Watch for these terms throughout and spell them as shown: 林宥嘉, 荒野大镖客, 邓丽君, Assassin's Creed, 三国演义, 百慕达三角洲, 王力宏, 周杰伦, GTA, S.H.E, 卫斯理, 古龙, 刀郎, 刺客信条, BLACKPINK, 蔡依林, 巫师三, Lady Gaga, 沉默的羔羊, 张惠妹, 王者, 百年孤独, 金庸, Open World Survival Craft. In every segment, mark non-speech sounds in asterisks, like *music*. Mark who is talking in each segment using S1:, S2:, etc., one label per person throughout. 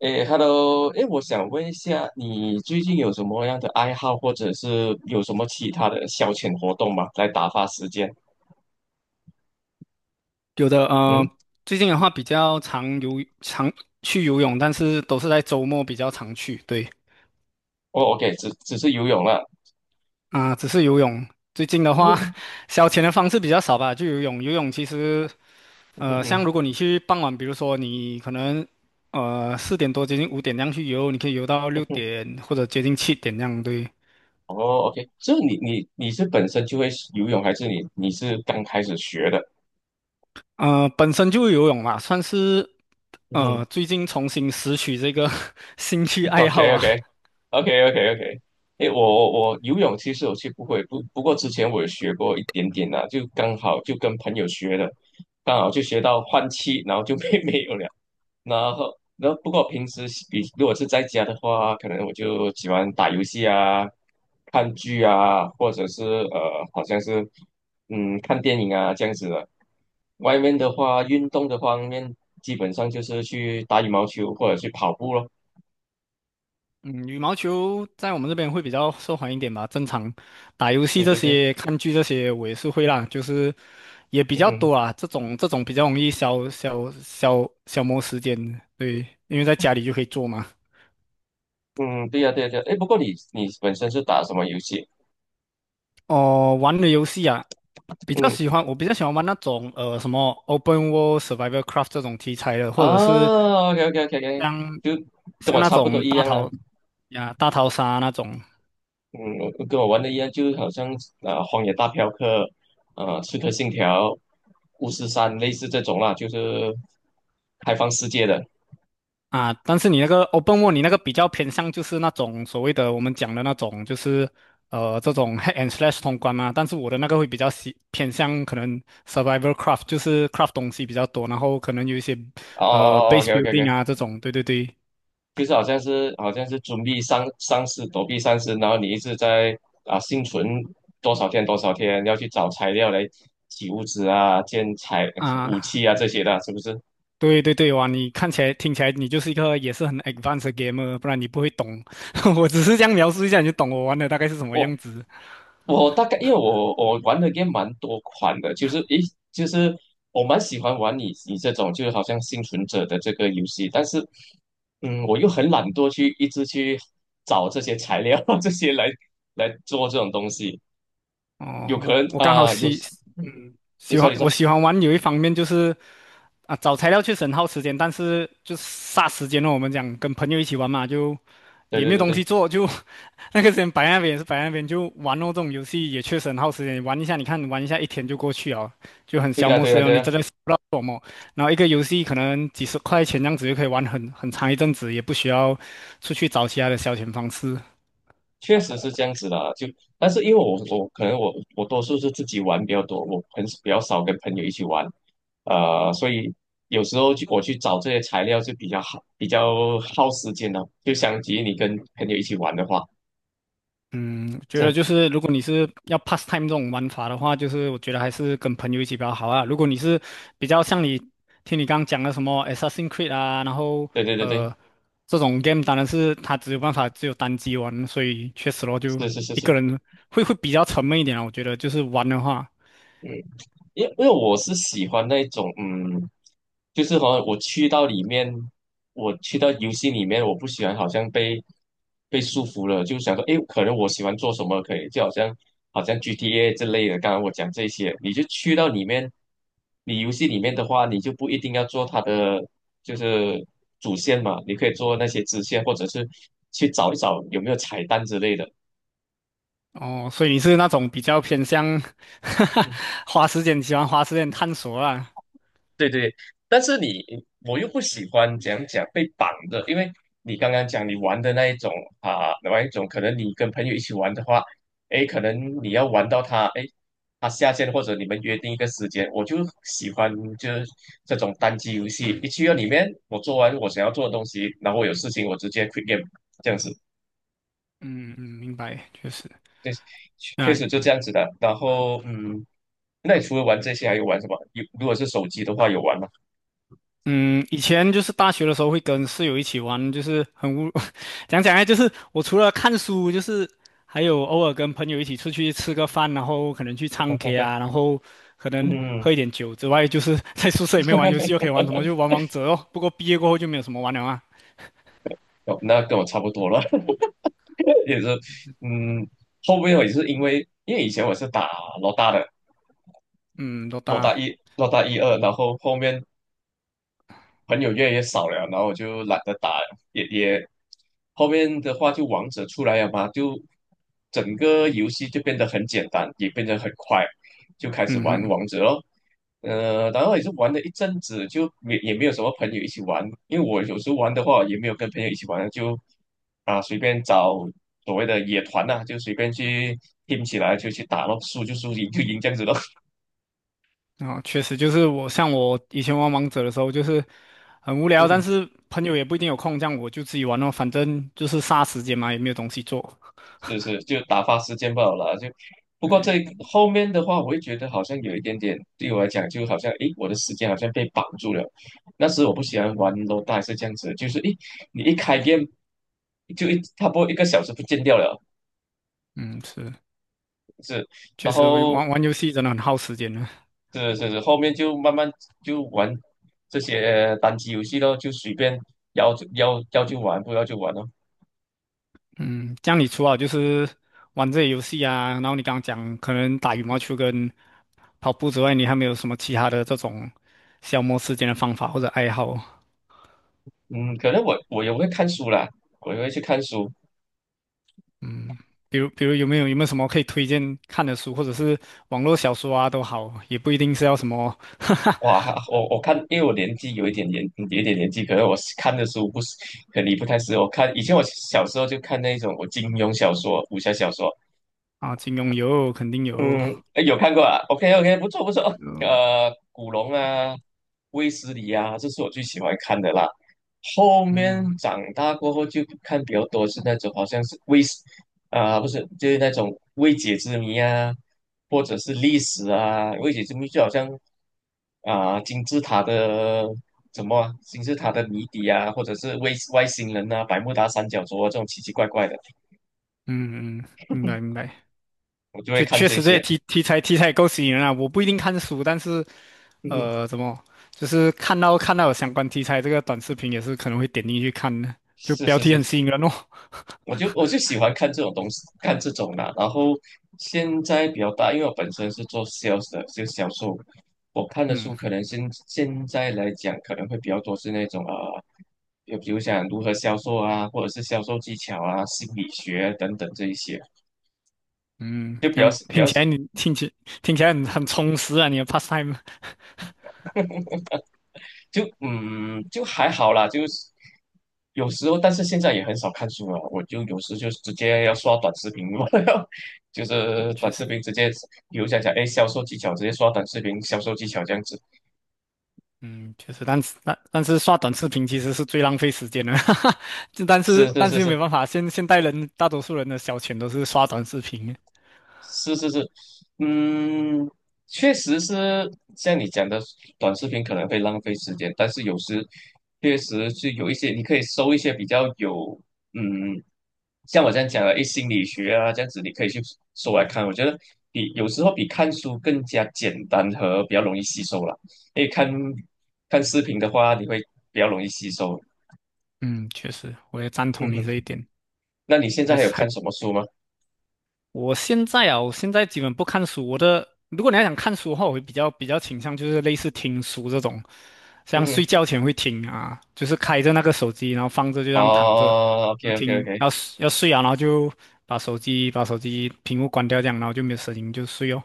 S1: 诶，Hello，诶，我想问一下，你最近有什么样的爱好，或者是有什么其他的消遣活动吗？来打发时间？
S2: 有的，
S1: 嗯，
S2: 最近的话比较常去游泳，但是都是在周末比较常去。对，
S1: 哦，OK，只是游泳了。
S2: 啊、只是游泳。最近的话，
S1: 嗯
S2: *laughs* 消遣的方式比较少吧，就游泳。游泳其实，
S1: 嗯
S2: 像
S1: 嗯
S2: 如果你去傍晚，比如说你可能，4点多接近5点那样去游，你可以游到
S1: 嗯
S2: 六
S1: 嗯，
S2: 点或者接近7点那样。对，
S1: 哦，OK，这你是本身就会游泳，还是你是刚开始学的？
S2: 本身就游泳嘛，算是
S1: 嗯
S2: 最近重新拾取这个 *laughs* 兴趣爱
S1: ，OK
S2: 好吧。
S1: OK OK OK OK，诶，我游泳其实我是不会，不过之前我有学过一点点啦、就刚好就跟朋友学的，刚好就学到换气，然后就没 *laughs* 没有了。然后不过平时比如果是在家的话，可能我就喜欢打游戏啊、看剧啊，或者是好像是看电影啊这样子的。外面的话，运动的方面，基本上就是去打羽毛球或者去跑步咯。
S2: 嗯，羽毛球在我们这边会比较受欢迎一点吧。正常打游戏
S1: 对
S2: 这
S1: 对对，
S2: 些、看剧这些，我也是会啦，就是也比
S1: 嗯
S2: 较
S1: 哼，
S2: 多啊。这种比较容易消磨时间，对，因为在家里就可以做嘛。
S1: 嗯，对呀、对呀、对呀、哎，不过你本身是打什么游戏？
S2: 哦，玩的游戏啊，比较
S1: 嗯
S2: 喜欢，我比较喜欢玩那种什么 Open World Survival Craft 这种题材的，或者是
S1: 啊，OK OK OK OK，
S2: 像
S1: 就跟
S2: 像
S1: 我
S2: 那
S1: 差不多
S2: 种
S1: 一样了。
S2: 大逃杀那种。
S1: 嗯，跟我玩的一样，就是好像啊，《荒野大镖客》啊，《刺客信条》《巫师三》类似这种啦，就是开放世界的。
S2: 啊，但是你那个 open world，你那个比较偏向就是那种所谓的我们讲的那种，就是这种 hack and slash 通关嘛。但是我的那个会比较喜偏向可能 survival craft，就是 craft 东西比较多，然后可能有一些
S1: 哦哦哦
S2: base
S1: ，OK OK OK，
S2: building 啊这种。对对对，
S1: 就是好像是准备丧尸躲避丧尸，然后你一直在啊幸存多少天多少天，要去找材料来起物资啊、建材武
S2: 啊，
S1: 器啊这些的，是不是？
S2: 对对对，哇，你看起来听起来你就是一个也是很 advanced 的 gamer，不然你不会懂。*laughs* 我只是这样描述一下，你就懂我玩的大概是什么
S1: 哦。
S2: 样子。
S1: 我大概因为我玩的 g a 蛮多款的，就是诶，就是我蛮喜欢玩你这种，就是好像幸存者的这个游戏，但是，嗯，我又很懒惰去一直去找这些材料 *laughs* 这些来做这种东西，
S2: 哦，
S1: 有可
S2: 我
S1: 能
S2: 我刚好
S1: 啊、有，
S2: 喜，
S1: 嗯
S2: 嗯，
S1: 你
S2: 喜
S1: 说
S2: 欢
S1: 你
S2: 我
S1: 说，
S2: 喜欢玩有一方面就是。啊，找材料确实很耗时间，但是就是霎时间哦，我们讲跟朋友一起玩嘛，就
S1: 对
S2: 也
S1: 对
S2: 没有
S1: 对
S2: 东西
S1: 对
S2: 做，就 *laughs* 那个时间摆在那边也是摆在那边，就玩哦。这种游戏也确实很耗时间，玩一下，你看玩一下一天就过去哦，就很
S1: 对
S2: 消
S1: 的
S2: 磨
S1: 对
S2: 时
S1: 的
S2: 间哦，
S1: 对
S2: 你真
S1: 的。
S2: 的是不知道做什么。然后一个游戏可能几十块钱这样子就可以玩很长一阵子，也不需要出去找其他的消遣方式。
S1: 确实是这样子的，就但是因为我可能我多数是自己玩比较多，我很比较少跟朋友一起玩，所以有时候去我去找这些材料就比较耗时间的，就相比于你跟朋友一起玩的话，
S2: 嗯，觉
S1: 这
S2: 得
S1: 样
S2: 就是如果你是要 pastime 这种玩法的话，就是我觉得还是跟朋友一起比较好啊。如果你是比较像你听你刚刚讲的什么 Assassin's Creed 啊，然后
S1: 对对对对，
S2: 呃这种 game，当然是它只有办法只有单机玩，所以确实咯，就
S1: 是是是
S2: 一
S1: 是，
S2: 个人会比较沉闷一点啊。我觉得就是玩的话，
S1: 嗯。因为我是喜欢那种，嗯，就是好像我去到里面，我去到游戏里面，我不喜欢好像被束缚了，就想说，诶，可能我喜欢做什么可以，就好像 GTA 之类的。刚刚我讲这些，你就去到里面，你游戏里面的话，你就不一定要做它的就是主线嘛，你可以做那些支线，或者是去找一找有没有彩蛋之类的。
S2: 哦，所以你是那种比较偏向 *laughs* 花时间喜欢花时间探索啦。
S1: 对对，但是你我又不喜欢讲被绑的，因为你刚刚讲你玩的那一种啊，玩一种可能你跟朋友一起玩的话，诶，可能你要玩到他，诶，他下线或者你们约定一个时间，我就喜欢就是这种单机游戏，一去到里面，我做完我想要做的东西，然后我有事情我直接 quit game 这样子，
S2: 嗯嗯，明白，确实，
S1: 对，确确
S2: 啊。
S1: 实就这样子的。然后那你除了玩这些还有玩什么？有如果是手机的话有玩吗？
S2: 嗯，以前就是大学的时候会跟室友一起玩，就是很无，*laughs* 讲讲啊，就是我除了看书，就是还有偶尔跟朋友一起出去吃个饭，然后可能去唱 K 啊，然后可能
S1: 嗯。
S2: 喝一点酒之外，就是在宿舍里面玩游
S1: *laughs*
S2: 戏，又可以玩什么，就玩王者哦。不过毕业过后就没有什么玩了啊。
S1: 哦，那跟我差不多了，*laughs* 也是，嗯，后面我也是因为以前我是打老大的，
S2: 嗯，多
S1: 老大
S2: 大？
S1: 一、老大一二，然后后面朋友越来越少了，然后我就懒得打了也后面的话就王者出来了嘛，就整个游戏就变得很简单，也变得很快，就开始
S2: 嗯
S1: 玩
S2: 哼，
S1: 王者咯。然后也是玩了一阵子，就也没有什么朋友一起玩，因为我有时候玩的话也没有跟朋友一起玩，就啊随便找所谓的野团呐、就随便去 team 起来就去打咯，输就输，赢就赢这样子咯。
S2: 然后确实就是像我以前玩王者的时候，就是很无聊，但
S1: *laughs*
S2: 是朋友也不一定有空，这样我就自己玩哦，反正就是杀时间嘛，也没有东西做。
S1: 是是，就打发时间罢了啦。就不过这
S2: 对
S1: 后面的话，我会觉得好像有一点点，对我来讲，就好像诶，我的时间好像被绑住了。那时我不喜欢玩 l o d 是这样子，就是诶，你一开 g 就一差不多一个小时不见掉了，
S2: 嗯，是，
S1: 是，
S2: 确
S1: 然
S2: 实
S1: 后
S2: 玩玩游戏真的很耗时间的。
S1: 是是是，后面就慢慢就玩这些单机游戏咯，就随便要就玩，不要就玩咯。
S2: 嗯，这样你除了就是玩这些游戏啊，然后你刚刚讲可能打羽毛球跟跑步之外，你还没有什么其他的这种消磨时间的方法或者爱好？
S1: 嗯，可能我也会看书啦，我也会去看书。
S2: 嗯，比如有没有什么可以推荐看的书，或者是网络小说啊都好，也不一定是要什么 *laughs*
S1: 哇，我看，因为我年纪有一点年纪，可能我看的书不是，可能你不太适合。我看以前我小时候就看那种我金庸小说、武侠小说，
S2: 啊，金庸有，肯定有，
S1: 嗯，哎有看过啊？OK OK，不错不错。
S2: 嗯
S1: 古龙啊，卫斯理啊，这是我最喜欢看的啦。后面
S2: 嗯
S1: 长大过后就看比较多是那种好像是卫斯啊、不是就是那种未解之谜啊，或者是历史啊。未解之谜就好像啊、金字塔的谜底啊，或者是外星人啊，百慕达三角洲啊这种奇奇怪怪的，
S2: 嗯嗯，明白明白。
S1: 我就会
S2: 确
S1: 看
S2: 确
S1: 这
S2: 实这些
S1: 些。
S2: 题材够吸引人啊！我不一定看书，但是
S1: 嗯，嗯
S2: 怎么就是看到有相关题材这个短视频，也是可能会点进去看的，就
S1: 是
S2: 标
S1: 是
S2: 题
S1: 是，
S2: 很吸引人哦。
S1: 我就喜欢看这种东西，看这种的。然后现在比较大，因为我本身是做 sales 的，就销售。我看的书
S2: 嗯
S1: 可能现在来讲，可能会比较多是那种就比如像如何销售啊，或者是销售技巧啊、心理学啊等等这一些，
S2: 嗯，
S1: 就比
S2: 这
S1: 较
S2: 样
S1: 比
S2: 听
S1: 较
S2: 起来你听起来很充实啊，你的 pastime。
S1: 就就还好啦，就是有时候，但是现在也很少看书了。我就有时就直接要刷短视频，*laughs* 我要就是
S2: *laughs* 确
S1: 短
S2: 实，
S1: 视频直接，比如讲，哎，销售技巧，直接刷短视频销售技巧这样子。
S2: 嗯，确实，但是刷短视频其实是最浪费时间的，*laughs* 哈哈。就但是
S1: 是是
S2: 但
S1: 是
S2: 是又没
S1: 是，
S2: 办法，现代人大多数人的消遣都是刷短视频。
S1: 是是是，嗯，确实是像你讲的，短视频可能会浪费时间，但是有时确实是有一些，你可以搜一些比较有，嗯，像我这样讲的，一心理学啊，这样子你可以去搜来看。我觉得比有时候比看书更加简单和比较容易吸收了，因为看看视频的话，你会比较容易吸收。
S2: 嗯，确实，我也赞同
S1: 嗯
S2: 你
S1: 哼，
S2: 这一点，
S1: 那你现在
S2: 还
S1: 还有
S2: 是还
S1: 看什么书吗？
S2: 我现在啊，我现在基本不看书。我的，如果你要想看书的话，我会比较倾向就是类似听书这种，
S1: 嗯
S2: 像
S1: 哼，
S2: 睡觉前会听啊，就是开着那个手机，然后放着就这样躺着，然
S1: 哦
S2: 后
S1: ，OK OK
S2: 听，
S1: OK，
S2: 要睡要睡啊，然后就把手机屏幕关掉这样，然后就没有声音就睡哦。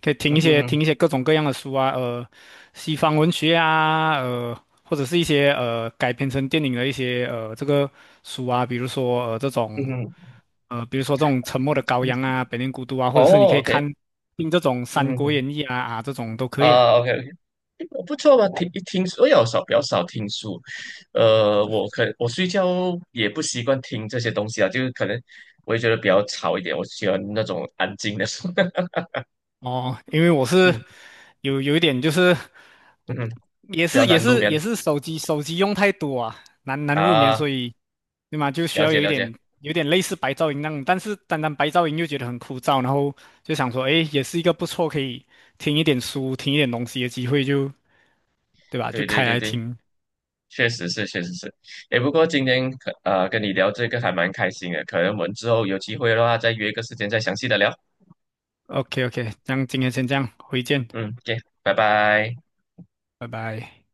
S2: 可以听
S1: 嗯
S2: 一些
S1: 哼
S2: 听一些各种各样的书啊。西方文学啊，或者是一些改编成电影的一些这个书啊，比如说呃这
S1: 嗯
S2: 种
S1: 哼。
S2: 呃比如说这种《沉默的羔羊》啊，《百年孤独》啊，或者是你可
S1: 哦
S2: 以看
S1: ，OK，
S2: 听这种《三国
S1: 嗯，
S2: 演义》啊这种都可以啊。
S1: 啊，OK，OK。不错吧？听一听，我比较少听书，我睡觉也不习惯听这些东西啊，就是可能我也觉得比较吵一点，我喜欢那种安静的书，*laughs*
S2: 哦，因为我是
S1: 嗯
S2: 有一点就是
S1: 嗯哼，
S2: 也
S1: 比较
S2: 是也
S1: 难入
S2: 是也
S1: 眠
S2: 是手机用太多啊，难入眠，
S1: 啊，
S2: 所以对吗？就需
S1: 了
S2: 要
S1: 解
S2: 有一
S1: 了解，
S2: 点有点类似白噪音那种，但是单单白噪音又觉得很枯燥，然后就想说，诶，也是一个不错可以听一点书、听一点东西的机会就，对吧？就
S1: 对对
S2: 开
S1: 对
S2: 来
S1: 对，
S2: 听。
S1: 确实是确实是，诶，不过今天跟你聊这个还蛮开心的，可能我们之后有机会的话再约一个时间再详细的聊，
S2: OK OK，这样今天先这样，回见，
S1: 嗯，OK，拜拜。
S2: 拜拜。